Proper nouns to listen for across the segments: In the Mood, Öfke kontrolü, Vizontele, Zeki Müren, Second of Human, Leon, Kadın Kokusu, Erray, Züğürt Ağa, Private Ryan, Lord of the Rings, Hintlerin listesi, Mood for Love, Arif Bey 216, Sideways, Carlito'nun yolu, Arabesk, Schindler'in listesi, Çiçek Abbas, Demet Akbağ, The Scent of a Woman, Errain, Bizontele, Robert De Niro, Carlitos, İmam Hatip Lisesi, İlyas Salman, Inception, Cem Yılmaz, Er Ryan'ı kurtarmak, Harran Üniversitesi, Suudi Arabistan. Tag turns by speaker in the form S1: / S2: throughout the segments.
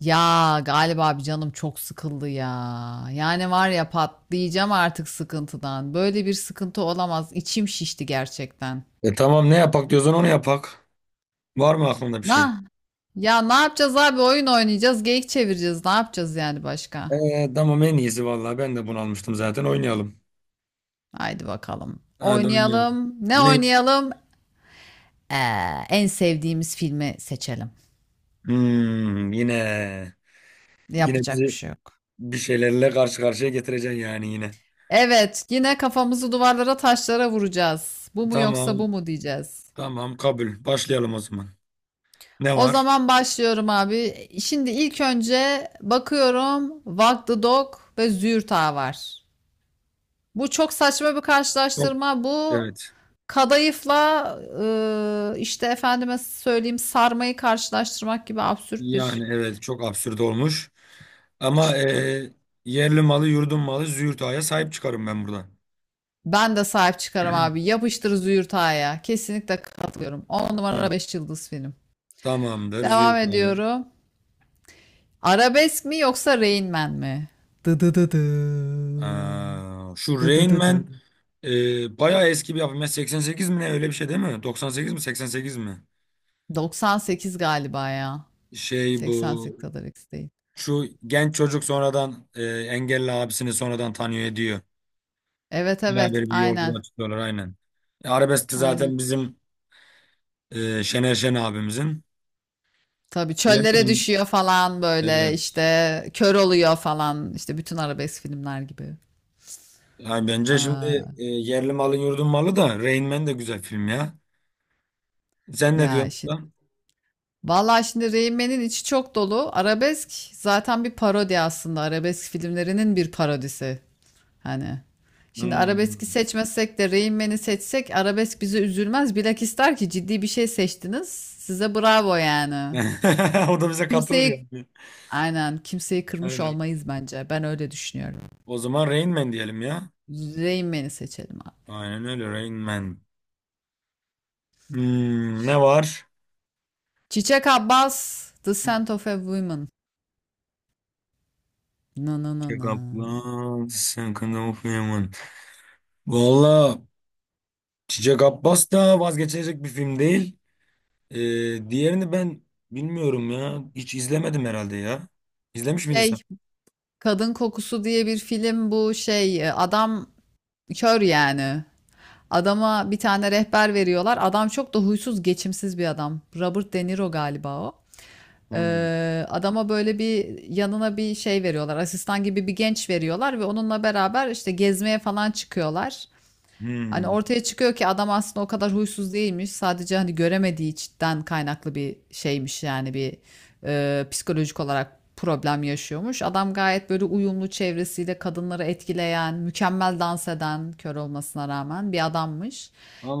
S1: Ya galiba abi canım çok sıkıldı ya. Yani var ya, patlayacağım artık sıkıntıdan. Böyle bir sıkıntı olamaz. İçim şişti gerçekten.
S2: Tamam ne yapak diyorsan onu yapak. Var mı aklında bir şey?
S1: Na ya, ne yapacağız abi? Oyun oynayacağız, geyik çevireceğiz. Ne yapacağız yani başka?
S2: Tamam en iyisi vallahi ben de bunu almıştım zaten oynayalım.
S1: Haydi bakalım.
S2: Hadi oynayalım.
S1: Oynayalım. Ne
S2: Ne?
S1: oynayalım? Ee, En sevdiğimiz filmi seçelim.
S2: Hmm, yine
S1: Yapacak bir
S2: bizi
S1: şey yok.
S2: bir şeylerle karşı karşıya getireceksin yani yine.
S1: Evet, yine kafamızı duvarlara, taşlara vuracağız. Bu mu yoksa bu
S2: Tamam
S1: mu diyeceğiz.
S2: tamam kabul. Başlayalım o zaman. Ne
S1: O
S2: var?
S1: zaman başlıyorum abi. Şimdi ilk önce bakıyorum, Walk the Dog ve zürta var. Bu çok saçma bir
S2: Çok,
S1: karşılaştırma. Bu
S2: evet.
S1: kadayıfla işte efendime söyleyeyim, sarmayı karşılaştırmak gibi absürt
S2: Yani
S1: bir
S2: evet çok absürt olmuş. Ama
S1: saçma.
S2: yerli malı yurdun malı Züğürt Ağa'ya sahip çıkarım ben burada.
S1: Ben de sahip çıkarım abi. Yapıştır zürtaya. Kesinlikle katılıyorum. 10
S2: Tamam.
S1: numara 5 yıldız film.
S2: Tamamdır
S1: Devam
S2: Züğürt Ağa.
S1: ediyorum. Arabesk mi yoksa Rain Man mi? Dı dı dı dı.
S2: Şu
S1: Dı dı
S2: Rain
S1: dı dı.
S2: Man bayağı eski bir yapım. Ya 88 mi ne öyle bir şey değil mi? 98 mi 88 mi?
S1: 98 galiba ya.
S2: Şey
S1: 88
S2: bu
S1: kadar X değil.
S2: şu genç çocuk sonradan engelli abisini sonradan tanıyor ediyor.
S1: Evet evet,
S2: Beraber bir
S1: aynen
S2: yolculuğa çıkıyorlar aynen. Arabesk de
S1: aynen.
S2: zaten bizim Şener Şen abimizin.
S1: Tabii çöllere
S2: Bilemedim.
S1: düşüyor falan, böyle
S2: Evet.
S1: işte kör oluyor falan işte, bütün arabesk filmler gibi.
S2: Yani bence şimdi
S1: Aa,
S2: yerli malın yurdun malı da Rain Man de güzel film ya. Sen ne
S1: ya
S2: diyorsun?
S1: şimdi,
S2: Lan?
S1: vallahi şimdi Rain Man'in içi çok dolu. Arabesk zaten bir parodi aslında. Arabesk filmlerinin bir parodisi. Hani şimdi
S2: Hmm.
S1: arabeski seçmezsek de, Rain Man'i seçsek, arabesk bizi üzülmez. Bilakis der ki ciddi bir şey seçtiniz. Size bravo yani.
S2: O da bize katılır
S1: Kimseyi
S2: yani.
S1: Aynen, kimseyi kırmış
S2: Aynen.
S1: olmayız bence. Ben öyle düşünüyorum.
S2: O zaman Rain Man diyelim ya.
S1: Rain Man'i seçelim abi.
S2: Aynen öyle Rain Man. Hmm, ne var?
S1: Çiçek Abbas, The Scent of a Woman. Na na na
S2: Çiçek
S1: na.
S2: Abbas, Second of Human. Valla Çiçek Abbas da vazgeçilecek bir film değil. Diğerini ben bilmiyorum ya. Hiç izlemedim herhalde ya. İzlemiş miydin sen?
S1: Şey, Kadın Kokusu diye bir film bu, adam kör yani. Adama bir tane rehber veriyorlar. Adam çok da huysuz, geçimsiz bir adam. Robert De Niro galiba o.
S2: Hmm.
S1: Adama böyle bir yanına bir şey veriyorlar. Asistan gibi bir genç veriyorlar ve onunla beraber işte gezmeye falan çıkıyorlar. Hani
S2: Hmm.
S1: ortaya çıkıyor ki adam aslında o kadar huysuz değilmiş. Sadece hani göremediği içten kaynaklı bir şeymiş yani, bir psikolojik olarak problem yaşıyormuş. Adam gayet böyle uyumlu, çevresiyle kadınları etkileyen, mükemmel dans eden, kör olmasına rağmen bir adammış.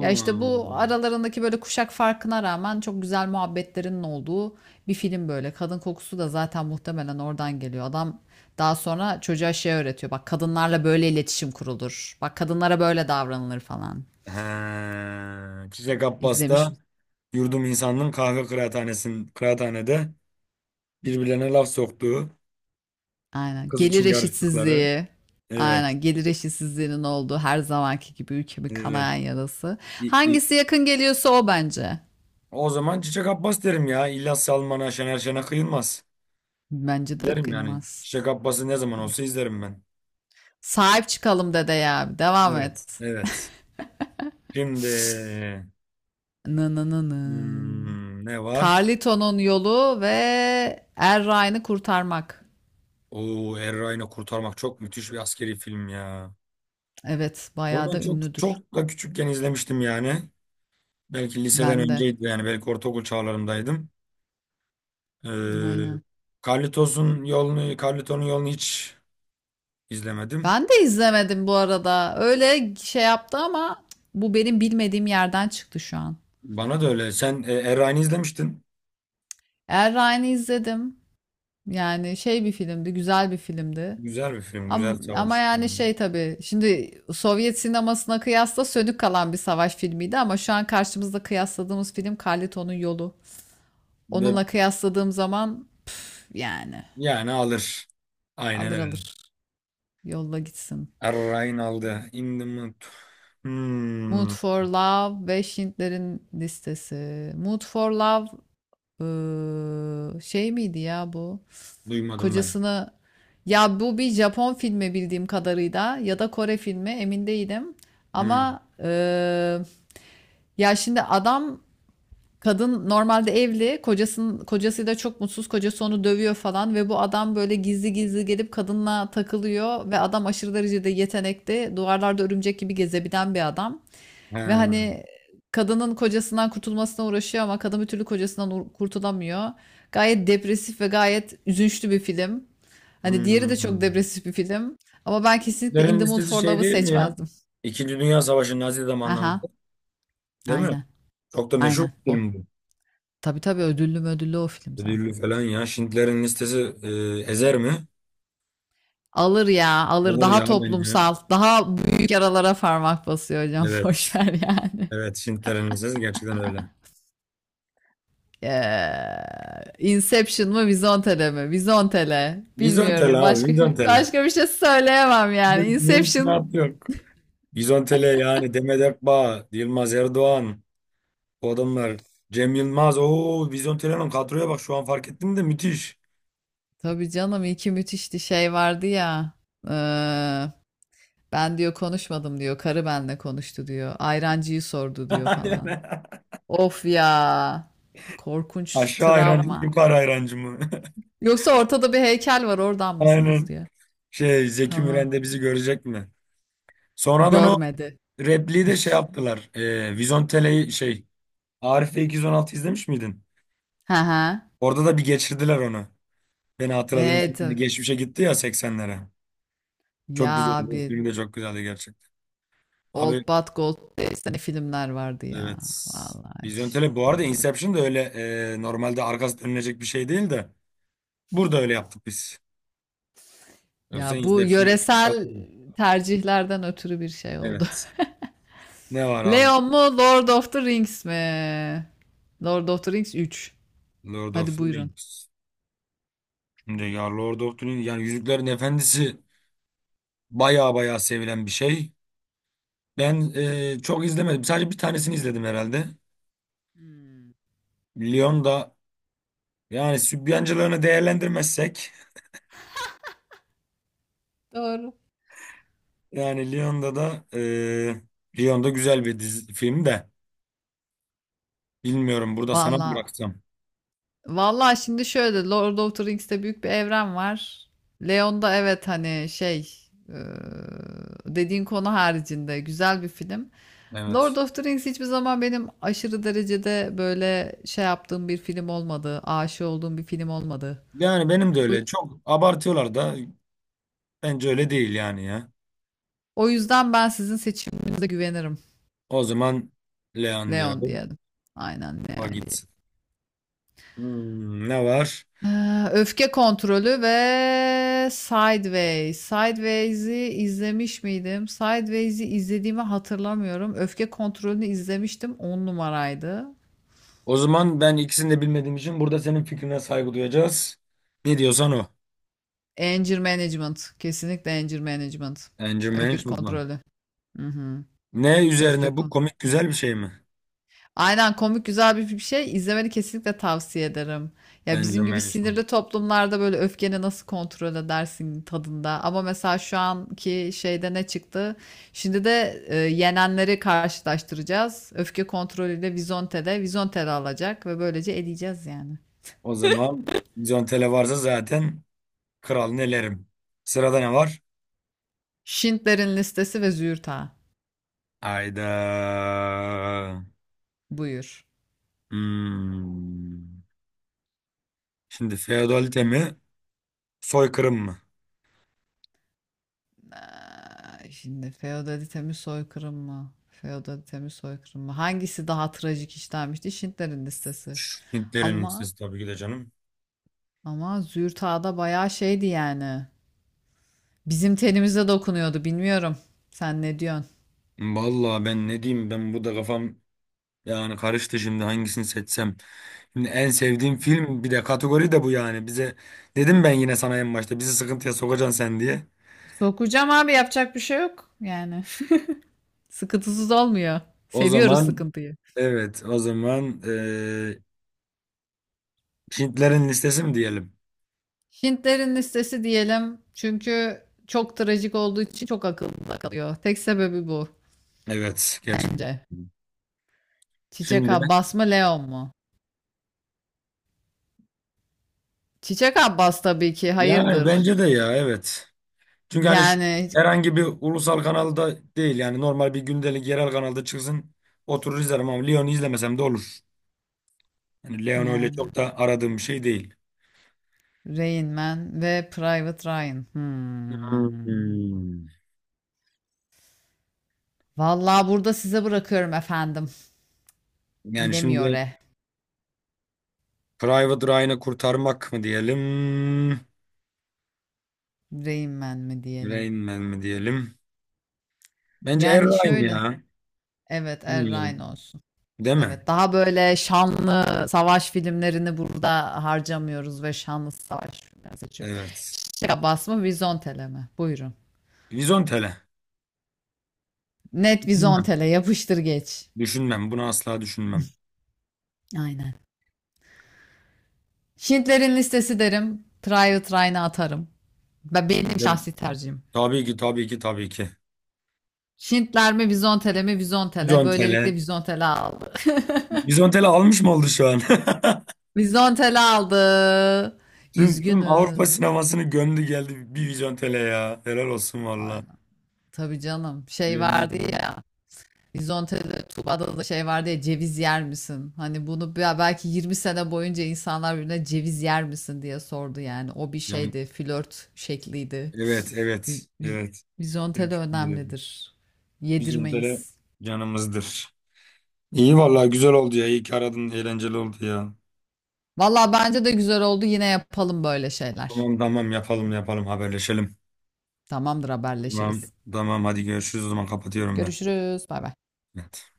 S1: Ya işte bu aralarındaki böyle kuşak farkına rağmen çok güzel muhabbetlerinin olduğu bir film böyle. Kadın kokusu da zaten muhtemelen oradan geliyor. Adam daha sonra çocuğa şey öğretiyor. Bak kadınlarla böyle iletişim kurulur. Bak kadınlara böyle davranılır falan.
S2: He. Çiçek Abbas
S1: İzlemiş
S2: da
S1: mi?
S2: yurdum insanının kahve kıraathanesin, kıraathanede birbirlerine laf soktuğu,
S1: Aynen.
S2: kız
S1: Gelir
S2: için yarıştıkları.
S1: eşitsizliği.
S2: Evet.
S1: Aynen. Gelir eşitsizliğinin olduğu, her zamanki gibi ülkemin
S2: Evet.
S1: kanayan yarası.
S2: İ- i-
S1: Hangisi yakın geliyorsa o bence.
S2: O zaman Çiçek Abbas derim ya. İlyas Salman'a, Şener Şen'e kıyılmaz.
S1: Bence de
S2: Derim yani.
S1: kıyılmaz.
S2: Çiçek Abbas'ı ne zaman olsa izlerim ben.
S1: Sahip çıkalım dede ya. Devam et.
S2: Evet. Evet. Şimdi
S1: Nınınının.
S2: hmm, ne var?
S1: Carlito'nun yolu ve Er Ryan'ı kurtarmak.
S2: Oo, Erray'ını kurtarmak çok müthiş bir askeri film ya.
S1: Evet,
S2: Bunu
S1: bayağı
S2: ben
S1: da
S2: çok
S1: ünlüdür.
S2: çok da küçükken izlemiştim yani. Belki liseden
S1: Ben de.
S2: önceydi yani. Belki ortaokul çağlarımdaydım. Ee,
S1: Aynen.
S2: Carlito'nun yolunu hiç izlemedim.
S1: Ben de izlemedim bu arada. Öyle şey yaptı ama bu benim bilmediğim yerden çıktı şu an.
S2: Bana da öyle. Sen Erray'ını izlemiştin.
S1: Er Ryan'ı izledim. Yani şey bir filmdi, güzel bir filmdi.
S2: Güzel bir film, güzel
S1: Ama
S2: savaş
S1: yani
S2: filmi.
S1: şey tabii. Şimdi Sovyet sinemasına kıyasla sönük kalan bir savaş filmiydi, ama şu an karşımızda kıyasladığımız film Carlito'nun yolu.
S2: Ve
S1: Onunla kıyasladığım zaman yani
S2: yani alır. Aynen
S1: alır
S2: öyle.
S1: alır yolla gitsin.
S2: Errain aldı. In the Mood.
S1: Mood
S2: Hmm,
S1: for Love ve Schindler'in listesi. Mood for Love şey miydi ya bu?
S2: duymadım ben.
S1: Kocasını, ya bu bir Japon filmi bildiğim kadarıyla ya da Kore filmi, emin değilim.
S2: Hmm.
S1: Ama ya şimdi adam, kadın normalde evli, kocasının kocasıyla çok mutsuz, kocası onu dövüyor falan ve bu adam böyle gizli gizli gelip kadınla takılıyor ve adam aşırı derecede yetenekli, duvarlarda örümcek gibi gezebilen bir adam. Ve
S2: Ha,
S1: hani kadının kocasından kurtulmasına uğraşıyor ama kadın bir türlü kocasından kurtulamıyor. Gayet depresif ve gayet üzünçlü bir film. Hani diğeri de çok
S2: hmm.
S1: depresif bir film ama ben kesinlikle In
S2: Derin
S1: the Mood
S2: listesi
S1: for
S2: şey
S1: Love'ı
S2: değil mi ya?
S1: seçmezdim.
S2: İkinci Dünya Savaşı Nazi
S1: Aha,
S2: zamanlarında. Değil mi?
S1: aynen.
S2: Çok da meşhur
S1: Aynen
S2: bir
S1: o.
S2: film bu.
S1: Tabii tabii, ödüllü o film
S2: Ödüllü
S1: zaten.
S2: falan ya. Schindler'in listesi ezer mi?
S1: Alır ya, alır.
S2: Alır
S1: Daha
S2: ya bence.
S1: toplumsal, daha büyük yaralara parmak basıyor hocam. Boş
S2: Evet.
S1: ver yani.
S2: Evet, Schindler'in listesi gerçekten öyle.
S1: Inception mı, Vizontele mi? Vizontele.
S2: Vizyon tele
S1: Bilmiyorum.
S2: abi,
S1: Başka
S2: vizyon tele.
S1: başka bir şey söyleyemem yani. Inception.
S2: Mümkünat yok. Bizontele yani Demet Akbağ, Yılmaz Erdoğan o adamlar. Cem Yılmaz. Oo Bizontele'nin kadroya bak şu an fark ettim de müthiş.
S1: Tabii canım iki müthişti, şey vardı ya. Eee, Ben diyor konuşmadım diyor. Karı benle konuştu diyor. Ayrancıyı sordu diyor falan.
S2: Aynen.
S1: Of ya. Korkunç
S2: Aşağı hayrancı mı
S1: travma.
S2: yukarı hayrancı mı?
S1: Yoksa ortada bir heykel var, oradan mısınız
S2: Aynen.
S1: diyor.
S2: Şey Zeki
S1: Tamam.
S2: Müren de bizi görecek mi? Sonradan o
S1: Görmedi.
S2: repliği de şey yaptılar. Vizontele'yi şey Arif Bey 216 izlemiş miydin?
S1: Hı hı.
S2: Orada da bir geçirdiler onu. Beni hatırladığınız
S1: Evet.
S2: için geçmişe gitti ya 80'lere. Çok
S1: Ya
S2: güzeldi.
S1: abi,
S2: O film de çok güzeldi gerçekten. Abi
S1: Old But Gold diye sene filmler vardı ya.
S2: evet.
S1: Vallahi
S2: Vizyon
S1: hiç
S2: tele bu arada
S1: tanımıyorum.
S2: Inception da öyle normalde arkası dönülecek bir şey değil de burada öyle yaptık biz. Yoksa
S1: Ya bu
S2: Inception'da arkası
S1: yöresel
S2: dönülecek.
S1: tercihlerden ötürü bir şey oldu.
S2: Evet. Ne var abi?
S1: Leon mu, Lord of the Rings mi? Lord of the Rings 3.
S2: Lord of
S1: Hadi
S2: the
S1: buyurun.
S2: Rings. Şimdi ya Lord of the Rings yani Yüzüklerin Efendisi baya baya sevilen bir şey. Ben çok izlemedim. Sadece bir tanesini izledim herhalde. Lyon'da yani sübyancılarını değerlendirmezsek
S1: Doğru.
S2: yani Lyon'da da Lyon'da güzel bir dizi, film de bilmiyorum burada sana mı
S1: Vallahi
S2: bıraksam.
S1: Vallahi, şimdi şöyle, Lord of the Rings'te büyük bir evren var. Leon'da evet, hani e, dediğin konu haricinde güzel bir film. Lord
S2: Evet.
S1: of the Rings hiçbir zaman benim aşırı derecede böyle şey yaptığım bir film olmadı. Aşık olduğum bir film olmadı.
S2: Yani benim de
S1: O, yüz-
S2: öyle. Çok abartıyorlar da bence öyle değil yani ya.
S1: O yüzden ben sizin seçiminize güvenirim.
S2: O zaman Leon
S1: Leon
S2: diyorum.
S1: diyelim. Aynen
S2: O
S1: Leon diyelim.
S2: gitsin. Hmm, ne var?
S1: Ha, Öfke kontrolü ve Sideways. Sideways'i izlemiş miydim? Sideways'i izlediğimi hatırlamıyorum. Öfke kontrolünü izlemiştim. 10 numaraydı.
S2: O zaman ben ikisini de bilmediğim için burada senin fikrine saygı duyacağız. Ne diyorsan o.
S1: Anger Management. Kesinlikle Anger Management.
S2: Anger
S1: Öfke
S2: management mı?
S1: kontrolü. Hı hı.
S2: Ne
S1: Öfke
S2: üzerine bu?
S1: kontrolü.
S2: Komik güzel bir şey mi?
S1: Aynen komik güzel bir şey. İzlemeni kesinlikle tavsiye ederim. Ya
S2: Anger
S1: bizim gibi
S2: management.
S1: sinirli toplumlarda böyle öfkeni nasıl kontrol edersin tadında. Ama mesela şu anki şeyde ne çıktı? Şimdi de yenenleri karşılaştıracağız. Öfke kontrolüyle Vizonte'de. Vizonte'de alacak ve böylece eleyeceğiz yani.
S2: O zaman John Tele varsa zaten kralını elerim. Sırada ne var?
S1: Schindler'in listesi ve Züğürt Ağa.
S2: Ayda.
S1: Buyur.
S2: Hmm. Şimdi feodalite mi? Soykırım mı?
S1: Aa, şimdi feodalite mi soykırım mı? Feodalite mi soykırım mı? Hangisi daha trajik işlenmişti? Schindler'in listesi.
S2: Hintlerin
S1: Ama
S2: listesi tabii ki de canım.
S1: Ama Züğürt Ağa da bayağı şeydi yani. Bizim tenimize dokunuyordu, bilmiyorum. Sen ne diyorsun?
S2: Vallahi ben ne diyeyim ben bu da kafam yani karıştı şimdi hangisini seçsem. Şimdi en sevdiğim film bir de kategori de bu yani. Bize dedim ben yine sana en başta bizi sıkıntıya sokacaksın sen diye.
S1: Sokacağım abi, yapacak bir şey yok. Yani sıkıntısız olmuyor.
S2: O
S1: Seviyoruz
S2: zaman
S1: sıkıntıyı.
S2: evet o zaman Hintlerin listesi mi diyelim?
S1: Hintlerin listesi diyelim. Çünkü çok trajik olduğu için çok akılda kalıyor. Tek sebebi bu
S2: Evet gerçekten.
S1: bence. Çiçek
S2: Şimdi
S1: Abbas mı Leon mu? Çiçek Abbas tabii ki
S2: yani
S1: hayırdır.
S2: bence de ya evet. Çünkü hani şu
S1: Yani
S2: herhangi bir ulusal kanalda değil yani normal bir gündelik yerel kanalda çıksın oturur izlerim ama Lyon'u izlemesem de olur. Yani Leon öyle
S1: yani
S2: çok da aradığım bir şey değil.
S1: Rain Man ve Private Ryan. Hmm.
S2: Hmm.
S1: Vallahi burada size bırakıyorum efendim.
S2: Yani
S1: Bilemiyor
S2: şimdi
S1: e.
S2: Private Ryan'ı kurtarmak mı diyelim?
S1: Rain Man mi diyelim.
S2: Rain Man mi diyelim? Bence Er
S1: Yani
S2: Ryan
S1: şöyle.
S2: ya.
S1: Evet Er Ryan
S2: Bilmiyorum.
S1: olsun.
S2: Değil
S1: Evet,
S2: mi?
S1: daha böyle şanlı savaş filmlerini burada harcamıyoruz ve şanlı savaş filmleri seçiyoruz.
S2: Evet.
S1: Çiçek Abbas mı Vizontele mi? Buyurun.
S2: Vizontele.
S1: Net
S2: Düşünmem.
S1: Vizontele, yapıştır geç.
S2: Düşünmem. Bunu asla düşünmem.
S1: Aynen. Şintlerin listesi derim. Try it Ryan'a atarım. Benim
S2: Şimdi
S1: şahsi tercihim.
S2: tabii ki.
S1: Şintler mi Vizontele mi, Vizontele. Böylelikle
S2: Vizontele.
S1: Vizontele aldı.
S2: Vizontele almış mı oldu şu an?
S1: Vizontel aldı.
S2: Tüm Avrupa
S1: Üzgünüz.
S2: sinemasını gömdü geldi bir vizyon tele ya. Helal olsun valla.
S1: Aynen. Tabii canım. Şey
S2: Yemin
S1: vardı
S2: ederim.
S1: ya. Vizontel'de Tuba'da da şey vardı ya, ceviz yer misin? Hani bunu belki 20 sene boyunca insanlar birbirine ceviz yer misin diye sordu yani. O bir
S2: Yani
S1: şeydi. Flört şekliydi.
S2: evet
S1: Viz,
S2: evet
S1: viz,
S2: evet.
S1: Vizontele
S2: Evet, yemin ederim.
S1: önemlidir.
S2: Vizyon tele
S1: Yedirmeyiz.
S2: canımızdır. İyi valla güzel oldu ya. İyi ki aradın. Eğlenceli oldu ya.
S1: Valla bence de güzel oldu. Yine yapalım böyle şeyler.
S2: Tamam yapalım haberleşelim.
S1: Tamamdır
S2: Tamam
S1: haberleşiriz.
S2: tamam hadi görüşürüz o zaman kapatıyorum ben.
S1: Görüşürüz. Bay bay.
S2: Evet.